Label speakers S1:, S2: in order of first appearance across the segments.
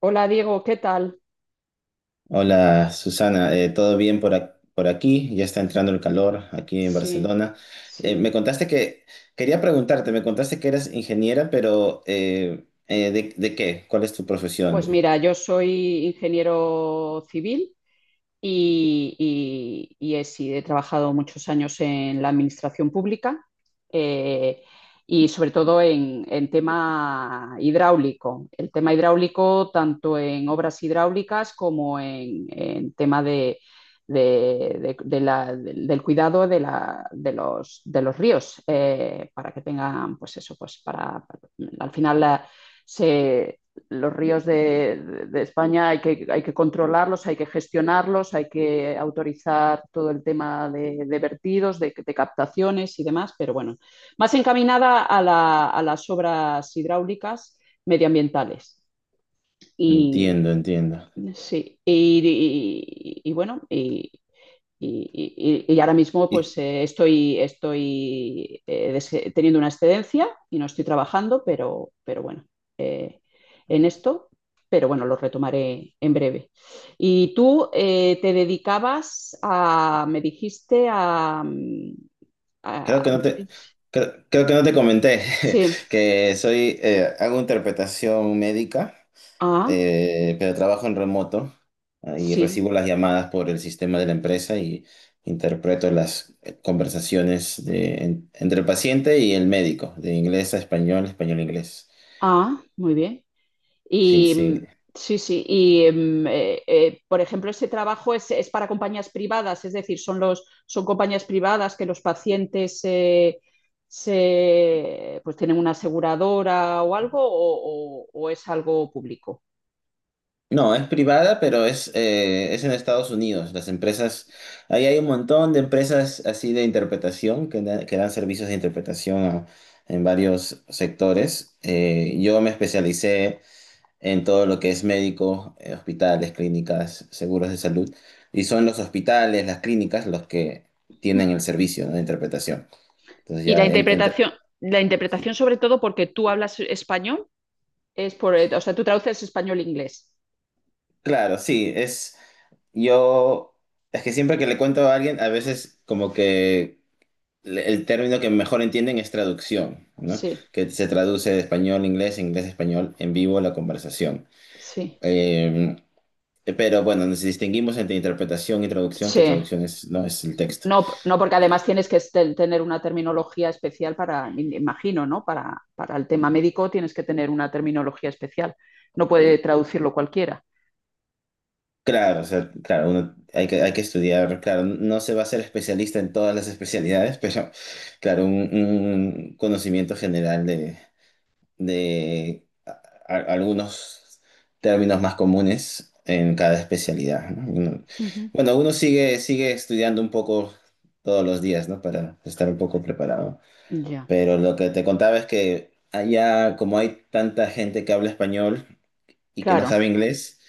S1: Hola Diego, ¿qué tal?
S2: Hola Susana. ¿Todo bien por, por aquí? Ya está entrando el calor aquí en
S1: Sí,
S2: Barcelona. Eh,
S1: sí.
S2: me contaste que, Quería preguntarte, me contaste que eras ingeniera, pero de qué? ¿Cuál es tu
S1: Pues
S2: profesión?
S1: mira, yo soy ingeniero civil y, y he, sí, he trabajado muchos años en la administración pública eh, y sobre todo en tema hidráulico. El tema hidráulico tanto en obras hidráulicas como en tema del del cuidado de de los ríos para que tengan, pues eso, al final la- se los ríos de España hay que controlarlos, hay que gestionarlos, hay que autorizar todo el tema de vertidos, de captaciones y demás, pero bueno, más encaminada a, la, a las obras hidráulicas medioambientales. Y
S2: Entiendo, entiendo.
S1: sí, y, y bueno, y, y ahora mismo pues
S2: Y
S1: estoy, estoy teniendo una excedencia y no estoy trabajando, pero bueno, eh, en esto, pero bueno, lo retomaré en breve. Y tú te dedicabas a, me dijiste a...
S2: creo que
S1: a-
S2: no te, creo que no te comenté
S1: sí,
S2: que hago interpretación médica.
S1: ah,
S2: Pero trabajo en remoto, ah, y
S1: sí,
S2: recibo las llamadas por el sistema de la empresa y interpreto las conversaciones entre el paciente y el médico, de inglés a español, español a inglés.
S1: ah, muy bien.
S2: Sí,
S1: Y
S2: sí.
S1: sí, sí. Y por ejemplo, ese trabajo es para compañías privadas, es decir, son los, son compañías privadas que los pacientes se, pues tienen una aseguradora o algo, o, o es algo público.
S2: No, es privada, pero es en Estados Unidos. Las empresas, ahí hay un montón de empresas así de interpretación que, que dan servicios de interpretación a, en varios sectores. Yo me especialicé en todo lo que es médico: hospitales, clínicas, seguros de salud. Y son los hospitales, las clínicas, los que tienen el servicio, ¿no?, de interpretación. Entonces
S1: Y
S2: ya entra.
S1: la
S2: Sí.
S1: interpretación sobre todo porque tú hablas español. Es por, o sea, tú traduces español-inglés.
S2: Claro, sí, es. Yo. Es que siempre que le cuento a alguien, a veces como que el término que mejor entienden es traducción, ¿no?
S1: Sí,
S2: Que se traduce de español a inglés, inglés a español, en vivo la conversación.
S1: sí,
S2: Eh, pero bueno, nos distinguimos entre interpretación y traducción, que
S1: sí.
S2: traducción es, no es el texto.
S1: No, no, porque además tienes que estel- tener una terminología especial para, me imagino, ¿no? Para el tema médico tienes que tener una terminología especial. No puede traducirlo cualquiera.
S2: Claro, o sea, claro, uno hay que estudiar, claro, no se va a ser especialista en todas las especialidades, pero claro, un conocimiento general de, de a- algunos términos más comunes en cada especialidad, ¿no?
S1: Ujú.
S2: Bueno, sigue estudiando un poco todos los días, ¿no? Para estar un poco preparado.
S1: Ya,
S2: Pero lo que te contaba es que allá, como hay tanta gente que habla español y que no
S1: claro.
S2: sabe inglés,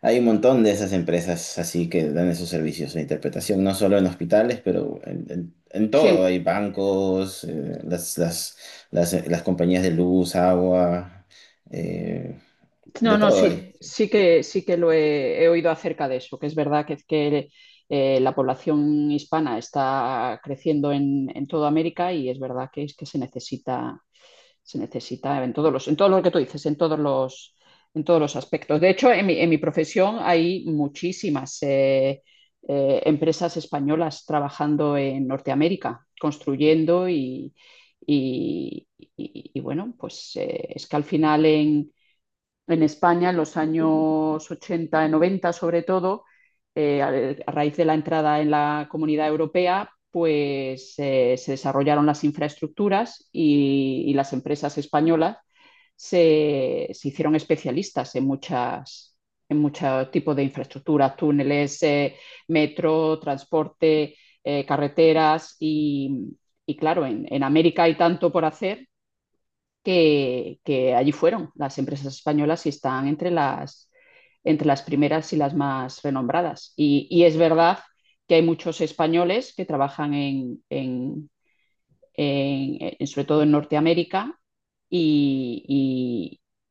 S2: hay un montón de esas empresas así que dan esos servicios de interpretación, no solo en hospitales, pero en, en
S1: Sí,
S2: todo. Hay bancos, las compañías de luz, agua, eh,
S1: no,
S2: de
S1: no,
S2: todo hay.
S1: sí, sí que lo he, he oído acerca de eso, que es verdad que, la población hispana está creciendo en toda América y es verdad que es que se necesita en todos los, en todo lo que tú dices, en todos los aspectos. De hecho, en mi profesión hay muchísimas empresas españolas trabajando en Norteamérica, construyendo y- y bueno, pues es que al final en España en los años 80 y 90, sobre todo, a raíz de la entrada en la Comunidad Europea, pues se desarrollaron las infraestructuras y las empresas españolas hicieron especialistas en muchos tipos de infraestructuras, túneles, metro, transporte, carreteras y claro, en América hay tanto por hacer que allí fueron. Las empresas españolas y están entre las primeras y las más renombradas. Y es verdad que hay muchos españoles que trabajan sobre todo en Norteamérica, y,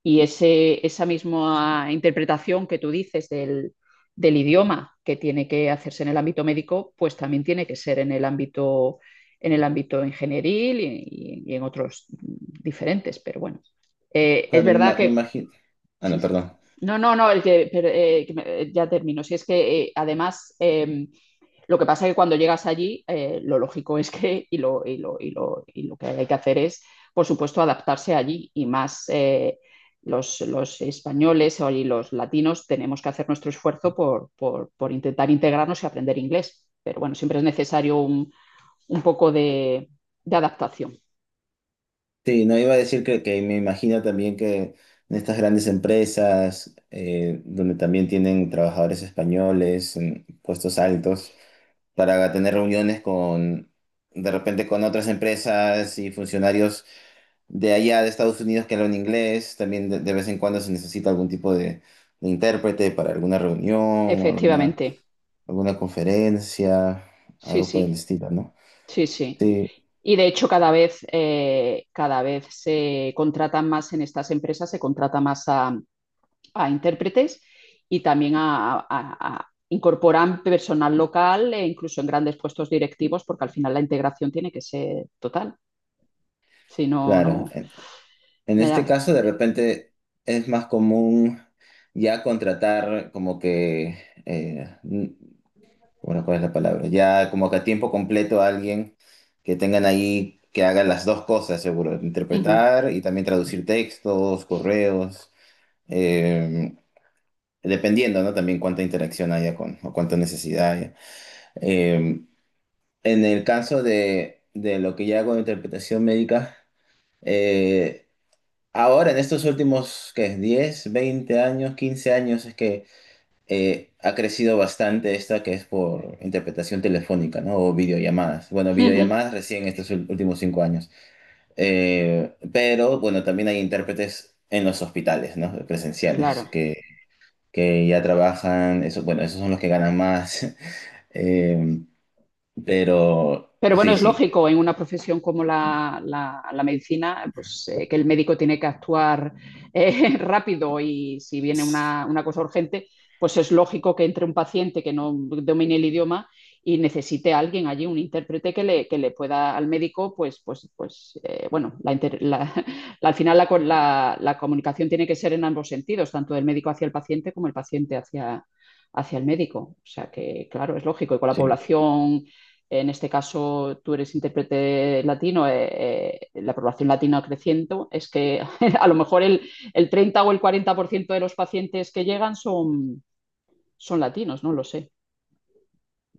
S1: y- y esa misma interpretación que tú dices del, del idioma que tiene que hacerse en el ámbito médico, pues también tiene que ser en el ámbito ingenieril y en otros diferentes, pero bueno, es
S2: Claro, me
S1: verdad que...
S2: imagino... Ah,
S1: sí,
S2: no,
S1: sí.
S2: perdón.
S1: No, no, no, el que, pero, que me- ya termino. Si es que además, lo que pasa es que cuando llegas allí, lo lógico es que, y lo que hay que hacer es, por supuesto, adaptarse allí y más los españoles o y los latinos tenemos que hacer nuestro esfuerzo por, por intentar integrarnos y aprender inglés. Pero bueno, siempre es necesario un poco de adaptación.
S2: Sí, no iba a decir que me imagino también que en estas grandes empresas, donde también tienen trabajadores españoles en puestos altos, para tener reuniones con, de repente, con otras empresas y funcionarios de allá de Estados Unidos que hablan inglés. También de vez en cuando se necesita algún tipo de intérprete para alguna reunión o
S1: Efectivamente,
S2: alguna conferencia,
S1: sí,
S2: algo por el
S1: sí.
S2: estilo, ¿no?
S1: Sí, sí.
S2: Sí,
S1: Y de hecho cada vez se contratan más en estas empresas, se contrata más a intérpretes y también a, incorporan personal local e incluso en grandes puestos directivos, porque al final la integración tiene que ser total. Si no,
S2: claro.
S1: no.
S2: En
S1: Ya,
S2: este
S1: ya.
S2: caso, de repente, es más común ya contratar como que... eh, Bueno, ¿cuál es la palabra? Ya como que a tiempo completo a alguien que tengan ahí, que haga las dos cosas, seguro,
S1: Ujú,
S2: interpretar y también traducir textos, correos, eh, dependiendo, ¿no? También cuánta interacción haya con, o cuánta necesidad haya. Eh, en el caso de lo que ya hago de interpretación médica, eh, ahora en estos últimos, ¿qué?, 10 20 años, 15 años, es que ha crecido bastante esta que es por interpretación telefónica, ¿no?, o videollamadas. Bueno,
S1: ujú.
S2: videollamadas recién estos últimos 5 años. Pero bueno, también hay intérpretes en los hospitales, ¿no? Presenciales,
S1: Claro.
S2: que ya trabajan, eso, bueno, esos son los que ganan más. Eh, pero
S1: Pero bueno,
S2: sí,
S1: es
S2: sí.
S1: lógico en una profesión como la, la medicina, pues que el médico tiene que actuar rápido y si viene una cosa urgente, pues es lógico que entre un paciente que no domine el idioma y necesite a alguien allí, un intérprete que le pueda al médico, pues, pues, pues bueno, al final la, la comunicación tiene que ser en ambos sentidos, tanto del médico hacia el paciente como el paciente hacia, hacia el médico. O sea que, claro, es lógico. Y con la
S2: Sí.
S1: población en este caso, tú eres intérprete latino, la población latina creciendo, es que a lo mejor el 30 o el 40% de los pacientes que llegan son, son latinos, no lo sé.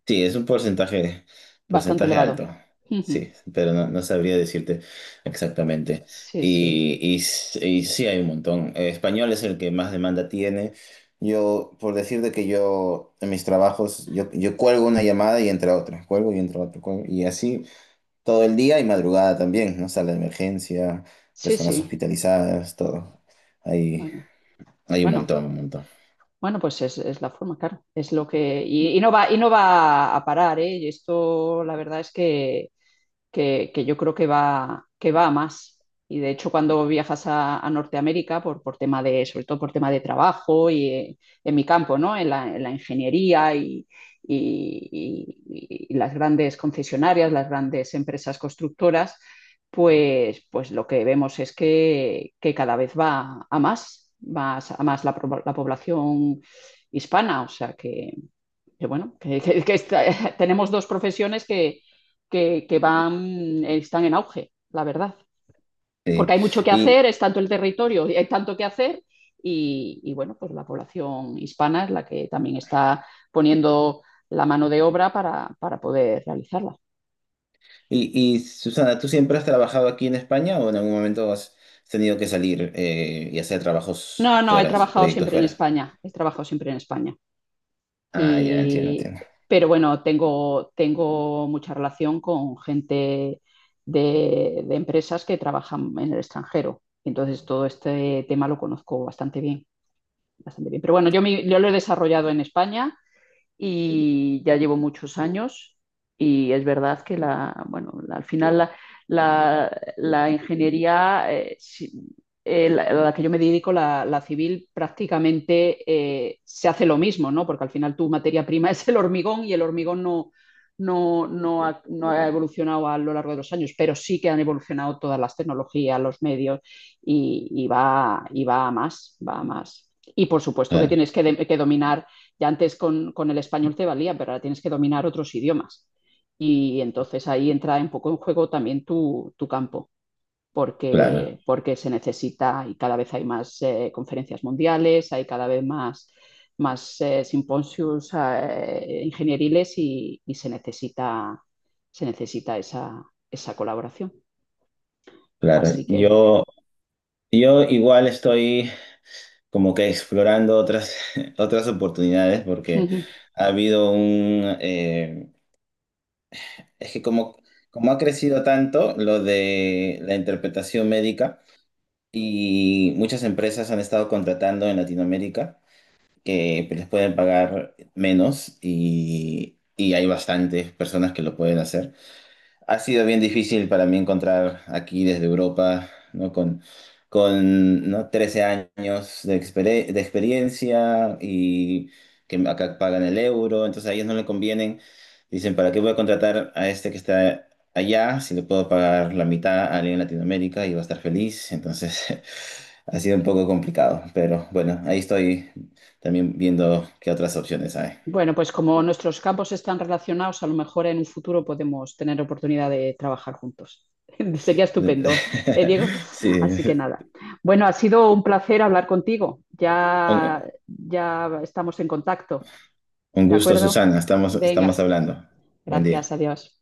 S2: Sí, es un
S1: Bastante
S2: porcentaje
S1: elevado.
S2: alto.
S1: Ujú.
S2: Sí, pero no, no sabría decirte exactamente.
S1: Sí, sí,
S2: Y sí hay un montón. Español es el que más demanda tiene. Yo, por decirte que yo, en mis trabajos, yo cuelgo una llamada y entra otra, cuelgo y entra otra, cuelgo, y así todo el día y madrugada también, ¿no? Sala de emergencia,
S1: sí,
S2: personas
S1: sí.
S2: hospitalizadas, todo. Hay,
S1: Bueno,
S2: Hay un
S1: bueno,
S2: montón, un montón.
S1: bueno, pues es la forma, claro. Es lo que. Y no va a parar, ¿eh? Y esto, la verdad es que que yo creo que va a más. Y de hecho, cuando viajas a Norteamérica, por tema de, sobre todo por tema de trabajo y en mi campo, ¿no? En la ingeniería y, y las grandes concesionarias, las grandes empresas constructoras, pues, pues lo que vemos es que cada vez va a más, más a más la, pro- la población hispana. O sea que bueno, que, que está- tenemos dos profesiones que, que van, están en auge, la verdad. Porque
S2: Sí.
S1: hay mucho que hacer, es tanto el territorio, y hay tanto que hacer, y, bueno, pues la población hispana es la que también está poniendo la mano de obra para poder realizarla.
S2: Y Susana, ¿tú siempre has trabajado aquí en España o en algún momento has tenido que salir y hacer trabajos
S1: No, no, he
S2: fuera,
S1: trabajado
S2: proyectos
S1: siempre en
S2: fuera?
S1: España, he trabajado siempre en España.
S2: Ah, ya entiendo,
S1: Y,
S2: entiendo.
S1: pero bueno, tengo, tengo mucha relación con gente de empresas que trabajan en el extranjero. Entonces todo este tema lo conozco bastante bien, bastante bien. Pero bueno, yo, mi- yo lo he desarrollado en España y ya llevo muchos años y es verdad que la, bueno, al final la, la ingeniería, la, a la que yo me dedico, la civil, prácticamente se hace lo mismo, ¿no? Porque al final tu materia prima es el hormigón y el hormigón no, no ha, no ha evolucionado a lo largo de los años, pero sí que han evolucionado todas las tecnologías, los medios y va a más, va a más. Y por supuesto que
S2: Claro,
S1: tienes que, que dominar ya antes con el español te valía, pero ahora tienes que dominar otros idiomas. Y entonces ahí entra un poco en juego también tu campo,
S2: claro,
S1: porque, porque se necesita y cada vez hay más conferencias mundiales, hay cada vez más, más simposios ingenieriles y se necesita esa, esa colaboración.
S2: claro.
S1: Así que...
S2: Yo igual estoy como que explorando otras otras oportunidades porque ha habido un... es que como ha crecido tanto lo de la interpretación médica y muchas empresas han estado contratando en Latinoamérica, que les pueden pagar menos y hay bastantes personas que lo pueden hacer. Ha sido bien difícil para mí encontrar aquí desde Europa, ¿no? Con, ¿no?, 13 años de, exper de experiencia, y que acá pagan el euro, entonces a ellos no le convienen. Dicen, ¿para qué voy a contratar a este que está allá si le puedo pagar la mitad a alguien en Latinoamérica y va a estar feliz? Entonces ha sido un poco complicado, pero bueno, ahí estoy también viendo qué otras opciones hay.
S1: Bueno, pues como nuestros campos están relacionados, a lo mejor en un futuro podemos tener oportunidad de trabajar juntos. Sería estupendo, ¿eh, Diego? Así que
S2: Sí.
S1: nada. Bueno, ha sido un placer hablar contigo. Ya, ya estamos en contacto,
S2: Un
S1: ¿de
S2: gusto,
S1: acuerdo?
S2: Susana. Estamos, estamos
S1: Venga,
S2: hablando. Buen
S1: gracias,
S2: día.
S1: adiós.